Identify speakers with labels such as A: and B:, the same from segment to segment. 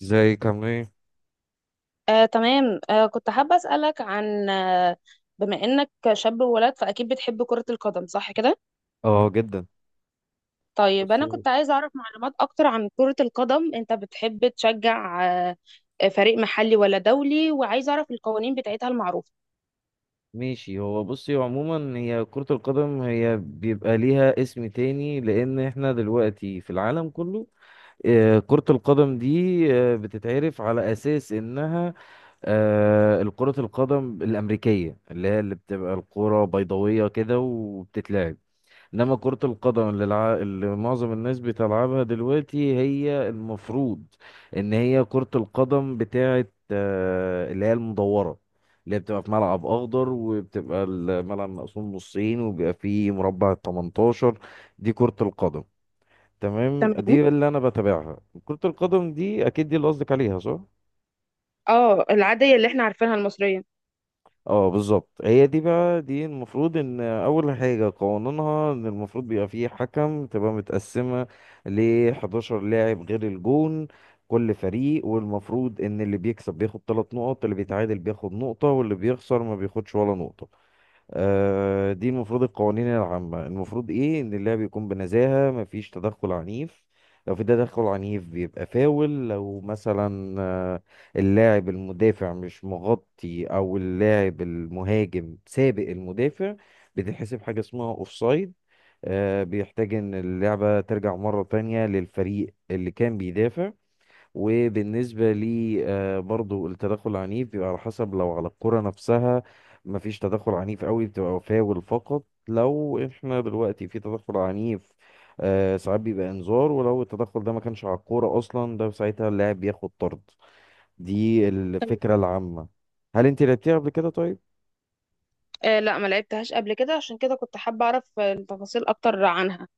A: زي كمان.
B: تمام. كنت حابة أسألك عن بما إنك شاب وولد فأكيد بتحب كرة القدم، صح كده؟
A: اه، جدا.
B: طيب، أنا
A: بصي.
B: كنت عايزة أعرف معلومات أكتر عن كرة القدم. أنت بتحب تشجع فريق محلي ولا دولي، وعايزة أعرف القوانين بتاعتها المعروفة.
A: ماشي، هو بصي عموما هي كرة القدم هي بيبقى ليها اسم تاني، لأن احنا دلوقتي في العالم كله كرة القدم دي بتتعرف على أساس إنها الكرة القدم الأمريكية، اللي هي اللي بتبقى الكرة بيضاوية كده وبتتلعب. انما كرة القدم اللي معظم الناس بتلعبها دلوقتي هي المفروض ان هي كرة القدم بتاعه اللي هي المدورة، اللي هي بتبقى في ملعب اخضر وبتبقى الملعب مقسوم نصين وبيبقى فيه مربع 18. دي كرة القدم، تمام،
B: تمام.
A: دي اللي انا بتابعها. كرة القدم دي اكيد دي اللي قصدك عليها صح؟
B: اه، العادية اللي احنا عارفينها المصرية.
A: اه بالظبط هي دي بقى. دي المفروض ان اول حاجه قانونها ان المفروض بيبقى فيه حكم، تبقى متقسمه ل 11 لاعب غير الجون كل فريق. والمفروض ان اللي بيكسب بياخد 3 نقط، اللي بيتعادل بياخد نقطه، واللي بيخسر ما بياخدش ولا نقطه. دي المفروض القوانين العامة. المفروض ايه، ان اللعب يكون بنزاهة، مفيش تدخل عنيف. لو في تدخل عنيف بيبقى فاول. لو مثلا اللاعب المدافع مش مغطي او اللاعب المهاجم سابق المدافع بتتحسب حاجة اسمها اوفسايد. بيحتاج ان اللعبة ترجع مرة تانية للفريق اللي كان بيدافع. وبالنسبة لي برضو التدخل العنيف بيبقى على حسب، لو على الكرة نفسها مفيش تدخل عنيف قوي بتبقى فاول فقط. لو احنا دلوقتي في تدخل عنيف ساعات بيبقى انذار، ولو التدخل ده ما كانش على الكورة أصلا ده ساعتها اللاعب بياخد طرد. دي
B: تمام.
A: الفكرة العامة. هل انت لعبتيها قبل كده طيب؟
B: آه لا، ما لعبتهاش قبل كده، عشان كده كنت حابة أعرف التفاصيل أكتر عنها.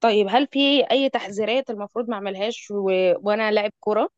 B: طيب، هل في أي تحذيرات المفروض ما أعملهاش، و... وأنا لاعب كرة؟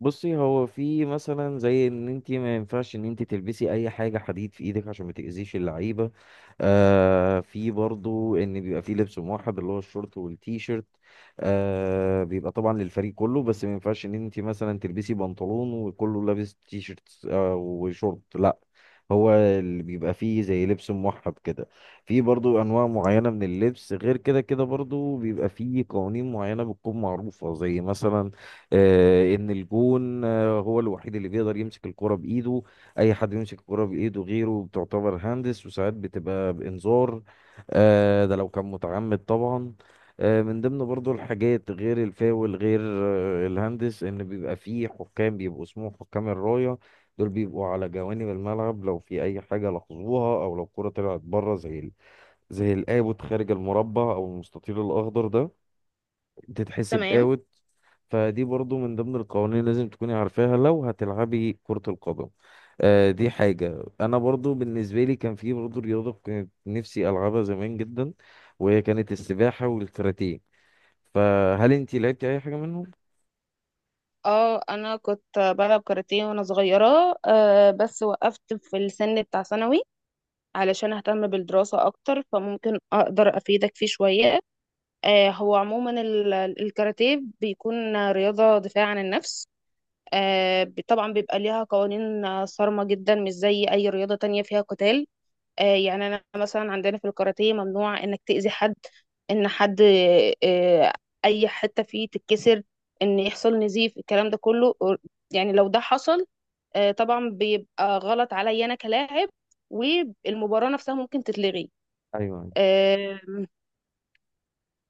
A: بصي، هو في مثلا زي ان انت ما ينفعش ان انت تلبسي اي حاجه حديد في ايدك عشان ما تاذيش اللعيبه. آه، في برضو ان بيبقى في لبس موحد اللي هو الشورت والتي شيرت. آه بيبقى طبعا للفريق كله، بس ما ينفعش ان انت مثلا تلبسي بنطلون وكله لابس تي شيرت آه وشورت، لا، هو اللي بيبقى فيه زي لبس موحد كده. في برضو انواع معينه من اللبس غير كده. كده برضو بيبقى فيه قوانين معينه بتكون معروفه، زي مثلا ان الجون هو الوحيد اللي بيقدر يمسك الكرة بايده. اي حد يمسك الكرة بايده غيره بتعتبر هندس، وساعات بتبقى بانذار. ده لو كان متعمد طبعا. من ضمن برضو الحاجات غير الفاول، غير الهندس، ان بيبقى فيه حكام بيبقوا اسمهم حكام الراية. دول بيبقوا على جوانب الملعب لو في اي حاجة لاحظوها او لو الكرة طلعت بره، زي زي القابض خارج المربع او المستطيل الاخضر ده تتحسب
B: تمام.
A: اوت. فدي برضو من ضمن القوانين اللي لازم تكوني عارفاها لو هتلعبي كرة القدم. آه دي حاجة. أنا برضو بالنسبة لي كان في برضو رياضة كنت نفسي ألعبها زمان جدا، وهي كانت السباحة والكاراتيه. فهل أنتي لعبتي أي حاجة منهم؟
B: اه، انا كنت بلعب كاراتيه وانا صغيره، بس وقفت في السن بتاع ثانوي علشان اهتم بالدراسه اكتر، فممكن اقدر افيدك فيه شويه. هو عموما الكاراتيه بيكون رياضه دفاع عن النفس. طبعا بيبقى ليها قوانين صارمه جدا، مش زي اي رياضه تانية فيها قتال. يعني انا مثلا عندنا في الكاراتيه ممنوع انك تأذي حد، ان حد آه، اي حتة فيه تتكسر، ان يحصل نزيف، الكلام ده كله. يعني لو ده حصل طبعا بيبقى غلط عليا انا كلاعب، والمباراة نفسها ممكن تتلغي.
A: أيوة.
B: آه،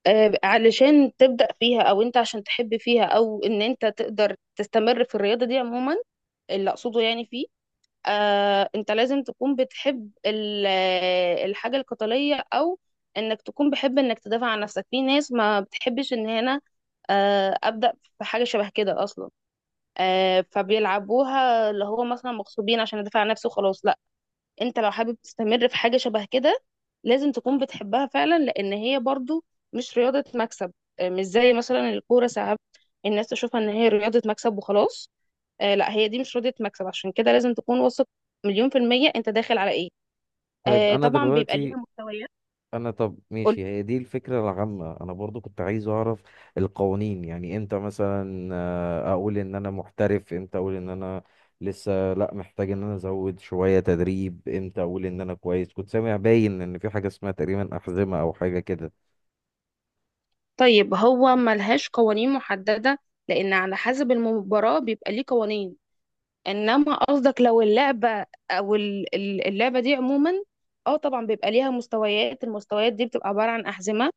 B: علشان تبدأ فيها، او انت عشان تحب فيها، او ان انت تقدر تستمر في الرياضة دي عموما، اللي اقصده يعني فيه انت لازم تكون بتحب الحاجة القتالية، او انك تكون بحب انك تدافع عن نفسك. في ناس ما بتحبش ان هنا ابدا في حاجة شبه كده اصلا، فبيلعبوها اللي هو مثلا مغصوبين، عشان ادافع عن نفسي وخلاص، لا. انت لو حابب تستمر في حاجة شبه كده، لازم تكون بتحبها فعلا، لان هي برضو مش رياضة مكسب. مش زي مثلا الكورة، ساعات الناس تشوفها ان هي رياضة مكسب وخلاص. لا، هي دي مش راضية مكسب، عشان كده لازم تكون واثق مليون في المية انت داخل على ايه.
A: طيب أنا
B: طبعا بيبقى ليها
A: دلوقتي
B: مستويات.
A: انا طب
B: قولي.
A: ماشي، هي دي الفكره العامه. انا برضو كنت عايز اعرف القوانين. يعني امتى مثلا اقول ان انا محترف، امتى اقول ان انا لسه لا، محتاج ان انا ازود شويه تدريب، امتى اقول ان انا كويس. كنت سامع باين ان في حاجه اسمها تقريبا احزمه او حاجه كده.
B: طيب، هو ملهاش قوانين محددة لأن على حسب المباراة بيبقى ليه قوانين. إنما قصدك لو اللعبة أو اللعبة دي عموما، اه طبعا بيبقى ليها مستويات. المستويات دي بتبقى عبارة عن أحزمة.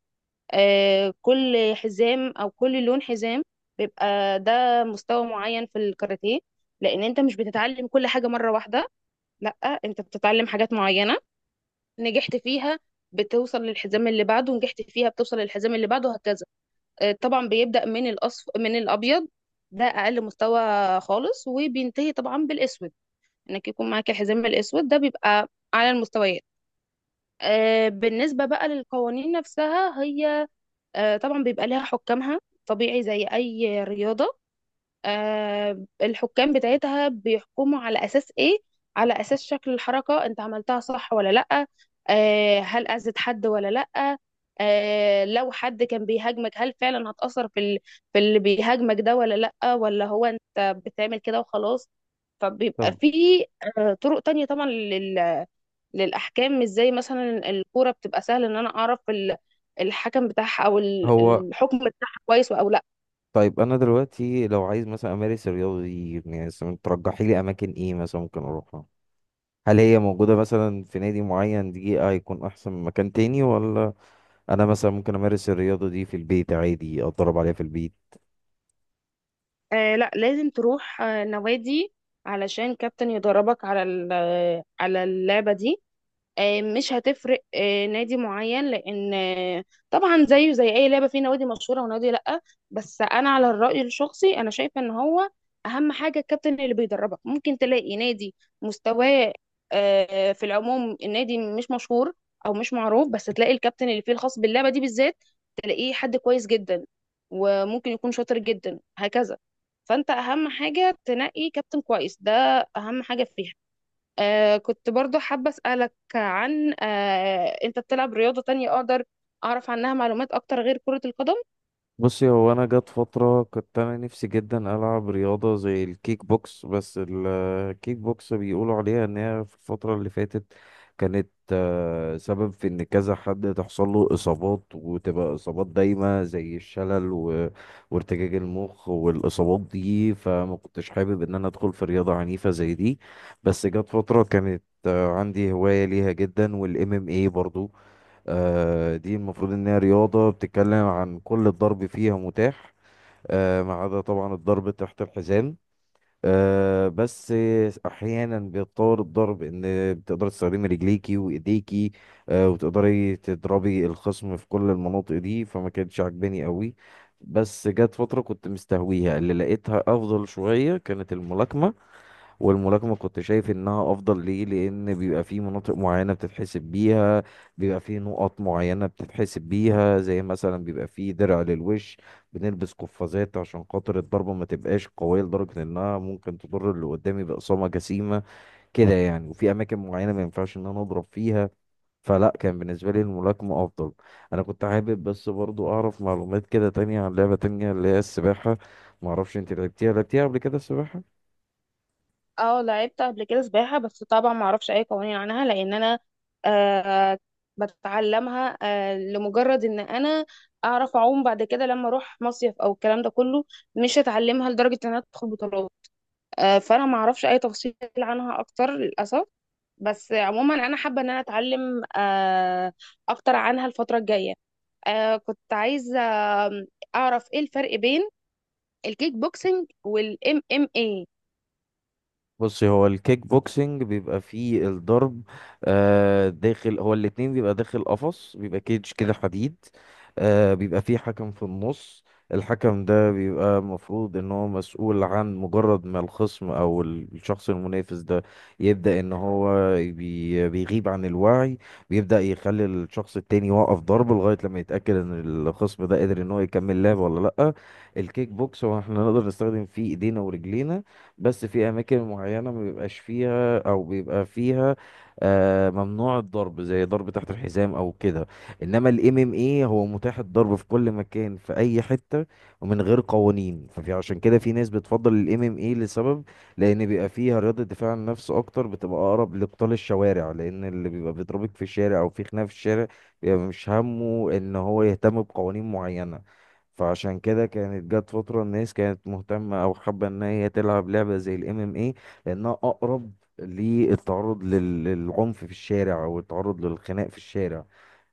B: كل حزام أو كل لون حزام بيبقى ده مستوى معين في الكاراتيه، لأن أنت مش بتتعلم كل حاجة مرة واحدة، لا، انت بتتعلم حاجات معينة نجحت فيها بتوصل للحزام اللي بعده، نجحت فيها بتوصل للحزام اللي بعده، وهكذا. طبعا بيبدأ من الأصف، من الأبيض، ده أقل مستوى خالص، وبينتهي طبعا بالأسود. إنك يكون معاك الحزام الأسود، ده بيبقى على المستويات. بالنسبة بقى للقوانين نفسها، هي طبعا بيبقى لها حكامها، طبيعي زي أي رياضة. الحكام بتاعتها بيحكموا على اساس ايه؟ على اساس شكل الحركه، انت عملتها صح ولا لا، هل اذت حد ولا لا، لو حد كان بيهاجمك هل فعلا هتأثر في في اللي بيهاجمك ده، ولا لا، ولا هو انت بتعمل كده وخلاص. فبيبقى
A: طب
B: في طرق تانية طبعا للأحكام، مش زي مثلا الكورة بتبقى سهل إن أنا أعرف الحكم بتاعها، أو
A: هو
B: الحكم بتاعها كويس أو لأ.
A: طيب انا دلوقتي لو عايز مثلا امارس الرياضه دي، يعني مثلاً ترجحي لي اماكن ايه مثلا ممكن اروحها؟ هل هي موجوده مثلا في نادي معين، دي هيكون احسن من مكان تاني؟ ولا انا مثلا ممكن امارس الرياضه دي في البيت عادي، اتدرب عليها في البيت؟
B: لا، لازم تروح نوادي علشان كابتن يدربك على على اللعبة دي. مش هتفرق نادي معين، لان طبعا زيه زي اي لعبه، في نوادي مشهوره ونوادي لا. بس انا على الراي الشخصي انا شايفه ان هو اهم حاجه الكابتن اللي بيدربك. ممكن تلاقي نادي مستواه في العموم النادي مش مشهور او مش معروف، بس تلاقي الكابتن اللي فيه الخاص باللعبه دي بالذات، تلاقيه حد كويس جدا، وممكن يكون شاطر جدا، هكذا. فانت اهم حاجه تنقي كابتن كويس، ده اهم حاجه فيها. كنت برضو حابة أسألك عن أنت بتلعب رياضة تانية أقدر أعرف عنها معلومات أكتر غير كرة القدم؟
A: بصي، هو انا جت فتره كنت انا نفسي جدا العب رياضه زي الكيك بوكس، بس الكيك بوكس بيقولوا عليها ان هي في الفتره اللي فاتت كانت سبب في ان كذا حد تحصل له اصابات وتبقى اصابات دايمه زي الشلل وارتجاج المخ والاصابات دي، فما كنتش حابب ان انا ادخل في رياضه عنيفه زي دي. بس جت فتره كانت عندي هوايه ليها جدا، والام ام اي برضو دي المفروض إن هي رياضة بتتكلم عن كل الضرب فيها متاح، ما عدا طبعا الضرب تحت الحزام. بس أحيانا بيتطور الضرب إن بتقدر تستخدمي رجليكي وإيديكي، وتقدري تضربي الخصم في كل المناطق دي، فما كانتش عاجباني قوي. بس جت فترة كنت مستهويها، اللي لقيتها أفضل شوية كانت الملاكمة. والملاكمة كنت شايف انها افضل ليه؟ لان بيبقى في مناطق معينة بتتحسب بيها، بيبقى في نقط معينة بتتحسب بيها، زي مثلا بيبقى في درع للوش، بنلبس قفازات عشان خاطر الضربة ما تبقاش قوية لدرجة انها ممكن تضر اللي قدامي بإصابة جسيمة، كده يعني. وفي اماكن معينة ما ينفعش ان انا اضرب فيها. فلا، كان بالنسبة لي الملاكمة أفضل. أنا كنت حابب بس برضو أعرف معلومات كده تانية عن لعبة تانية اللي هي السباحة. معرفش أنت لعبتيها قبل كده السباحة؟
B: أه، لعبت قبل كده سباحة، بس طبعا ما أعرفش أي قوانين عنها لأن أنا آه بتعلمها لمجرد إن أنا أعرف أعوم بعد كده لما أروح مصيف أو الكلام ده كله، مش هتعلمها لدرجة إن أنا أدخل بطولات. فأنا ما أعرفش أي تفاصيل عنها أكتر للأسف. بس عموما أنا حابة إن أنا أتعلم أكتر عنها الفترة الجاية. كنت عايزة آم، أعرف إيه الفرق بين الكيك بوكسينج والإم إم إيه.
A: بصي، هو الكيك بوكسنج بيبقى فيه الضرب آه داخل. هو الاتنين بيبقى داخل قفص، بيبقى كيج كده حديد. آه بيبقى فيه حكم في النص. الحكم ده بيبقى المفروض ان هو مسؤول عن مجرد ما الخصم او الشخص المنافس ده يبدأ ان هو بيغيب عن الوعي، بيبدأ يخلي الشخص التاني يوقف ضرب لغاية لما يتأكد ان الخصم ده قادر ان هو يكمل لعب ولا لأ. الكيك بوكس هو احنا نقدر نستخدم فيه ايدينا ورجلينا، بس في اماكن معينه ما بيبقاش فيها او بيبقى فيها ممنوع الضرب، زي ضرب تحت الحزام او كده. انما الام ام اي هو متاح الضرب في كل مكان، في اي حته، ومن غير قوانين. ففي عشان كده في ناس بتفضل الام ام اي لسبب لان بيبقى فيها رياضه دفاع عن النفس اكتر، بتبقى اقرب لقتال الشوارع، لان اللي بيبقى بيضربك في الشارع او في خناقه في الشارع بيبقى مش همه ان هو يهتم بقوانين معينه. فعشان كده كانت جت فترة الناس كانت مهتمة أو حابة إن هي تلعب لعبة زي ال MMA، لأنها أقرب للتعرض للعنف في الشارع أو التعرض للخناق في الشارع.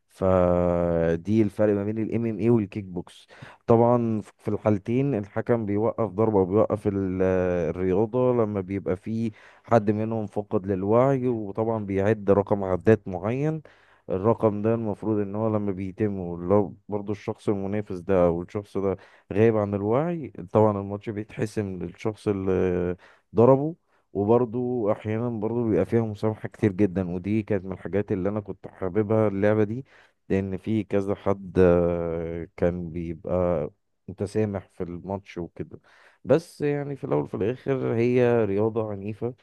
A: فدي الفرق ما بين الام ام اي والكيك بوكس. طبعا في الحالتين الحكم بيوقف ضربة وبيوقف الرياضة لما بيبقى في حد منهم فقد للوعي، وطبعا بيعد رقم عدات معين. الرقم ده المفروض ان هو لما بيتم، لو برضو الشخص المنافس ده او الشخص ده غايب عن الوعي، طبعا الماتش بيتحسم للشخص اللي ضربه. وبرضو احيانا برضو بيبقى فيها مسامحة كتير جدا، ودي كانت من الحاجات اللي انا كنت حاببها اللعبة دي، لان في كذا حد كان بيبقى متسامح في الماتش وكده. بس يعني في الاول وفي الاخر هي رياضه عنيفه،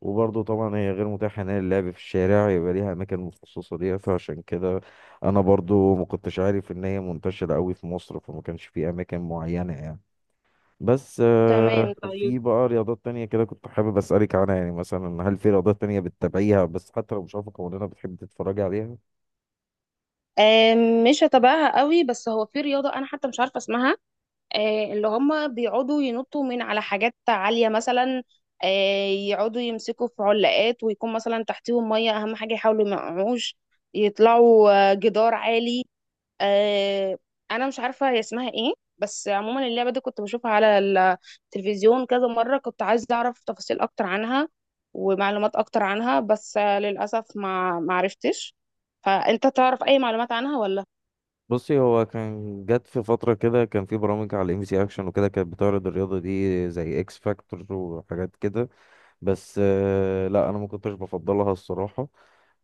A: وبرضه طبعا هي غير متاحه ان هي اللعب في الشارع، يبقى ليها اماكن مخصصه ليها. فعشان كده انا برضه ما كنتش عارف ان هي منتشره قوي في مصر، فما كانش في اماكن معينه يعني. بس
B: تمام،
A: في
B: طيب.
A: بقى رياضات تانية كده كنت حابب أسألك عنها. يعني مثلا هل في رياضات تانية بتتابعيها، بس حتى لو مش عارفة قوانينها بتحب تتفرجي عليها؟
B: مش هتابعها قوي، بس هو في رياضة أنا حتى مش عارفة اسمها، اللي هم بيقعدوا ينطوا من على حاجات عالية مثلا، يقعدوا يمسكوا في علاقات ويكون مثلا تحتيهم مية، أهم حاجة يحاولوا ما يقعوش، يطلعوا جدار عالي. آه انا مش عارفه هي اسمها ايه، بس عموما اللعبه دي كنت بشوفها على التلفزيون كذا مره، كنت عايزه اعرف تفاصيل اكتر عنها ومعلومات اكتر عنها، بس للاسف ما عرفتش. فانت تعرف اي معلومات عنها ولا؟
A: بصي، هو كان جت في فترة كده كان في برامج على ام سي اكشن وكده كانت بتعرض الرياضة دي زي اكس فاكتور وحاجات كده. بس لا انا ما كنتش بفضلها الصراحة.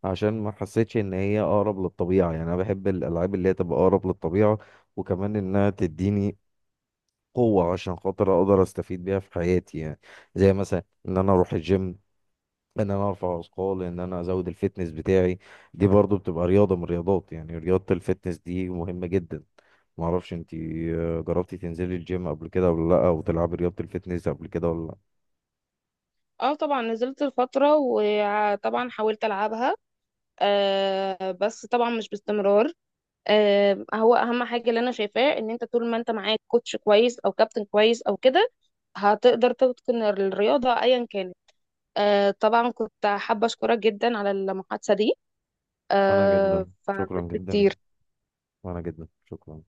A: عشان ما حسيتش ان هي اقرب للطبيعة، يعني انا بحب الالعاب اللي هي تبقى اقرب للطبيعة، وكمان انها تديني قوة عشان خاطر اقدر استفيد بيها في حياتي، يعني زي مثلا ان انا اروح الجيم، ان انا ارفع اثقال، ان انا ازود الفتنس بتاعي. دي برضو بتبقى رياضه من الرياضات، يعني رياضه الفتنس دي مهمه جدا. ما اعرفش انت جربتي تنزلي الجيم قبل كده ولا لا، او تلعبي رياضه الفتنس قبل كده ولا لا؟
B: اه طبعا، نزلت الفتره وطبعا حاولت العبها، بس طبعا مش باستمرار. هو اهم حاجه اللي انا شايفاه ان انت طول ما انت معاك كوتش كويس او كابتن كويس او كده، هتقدر تتقن الرياضه ايا كانت. طبعا كنت حابة أشكرك جدا على المحادثة دي،
A: انا جدا
B: فمش
A: شكرا جدا جدا.
B: كتير.
A: وانا جدا شكرا.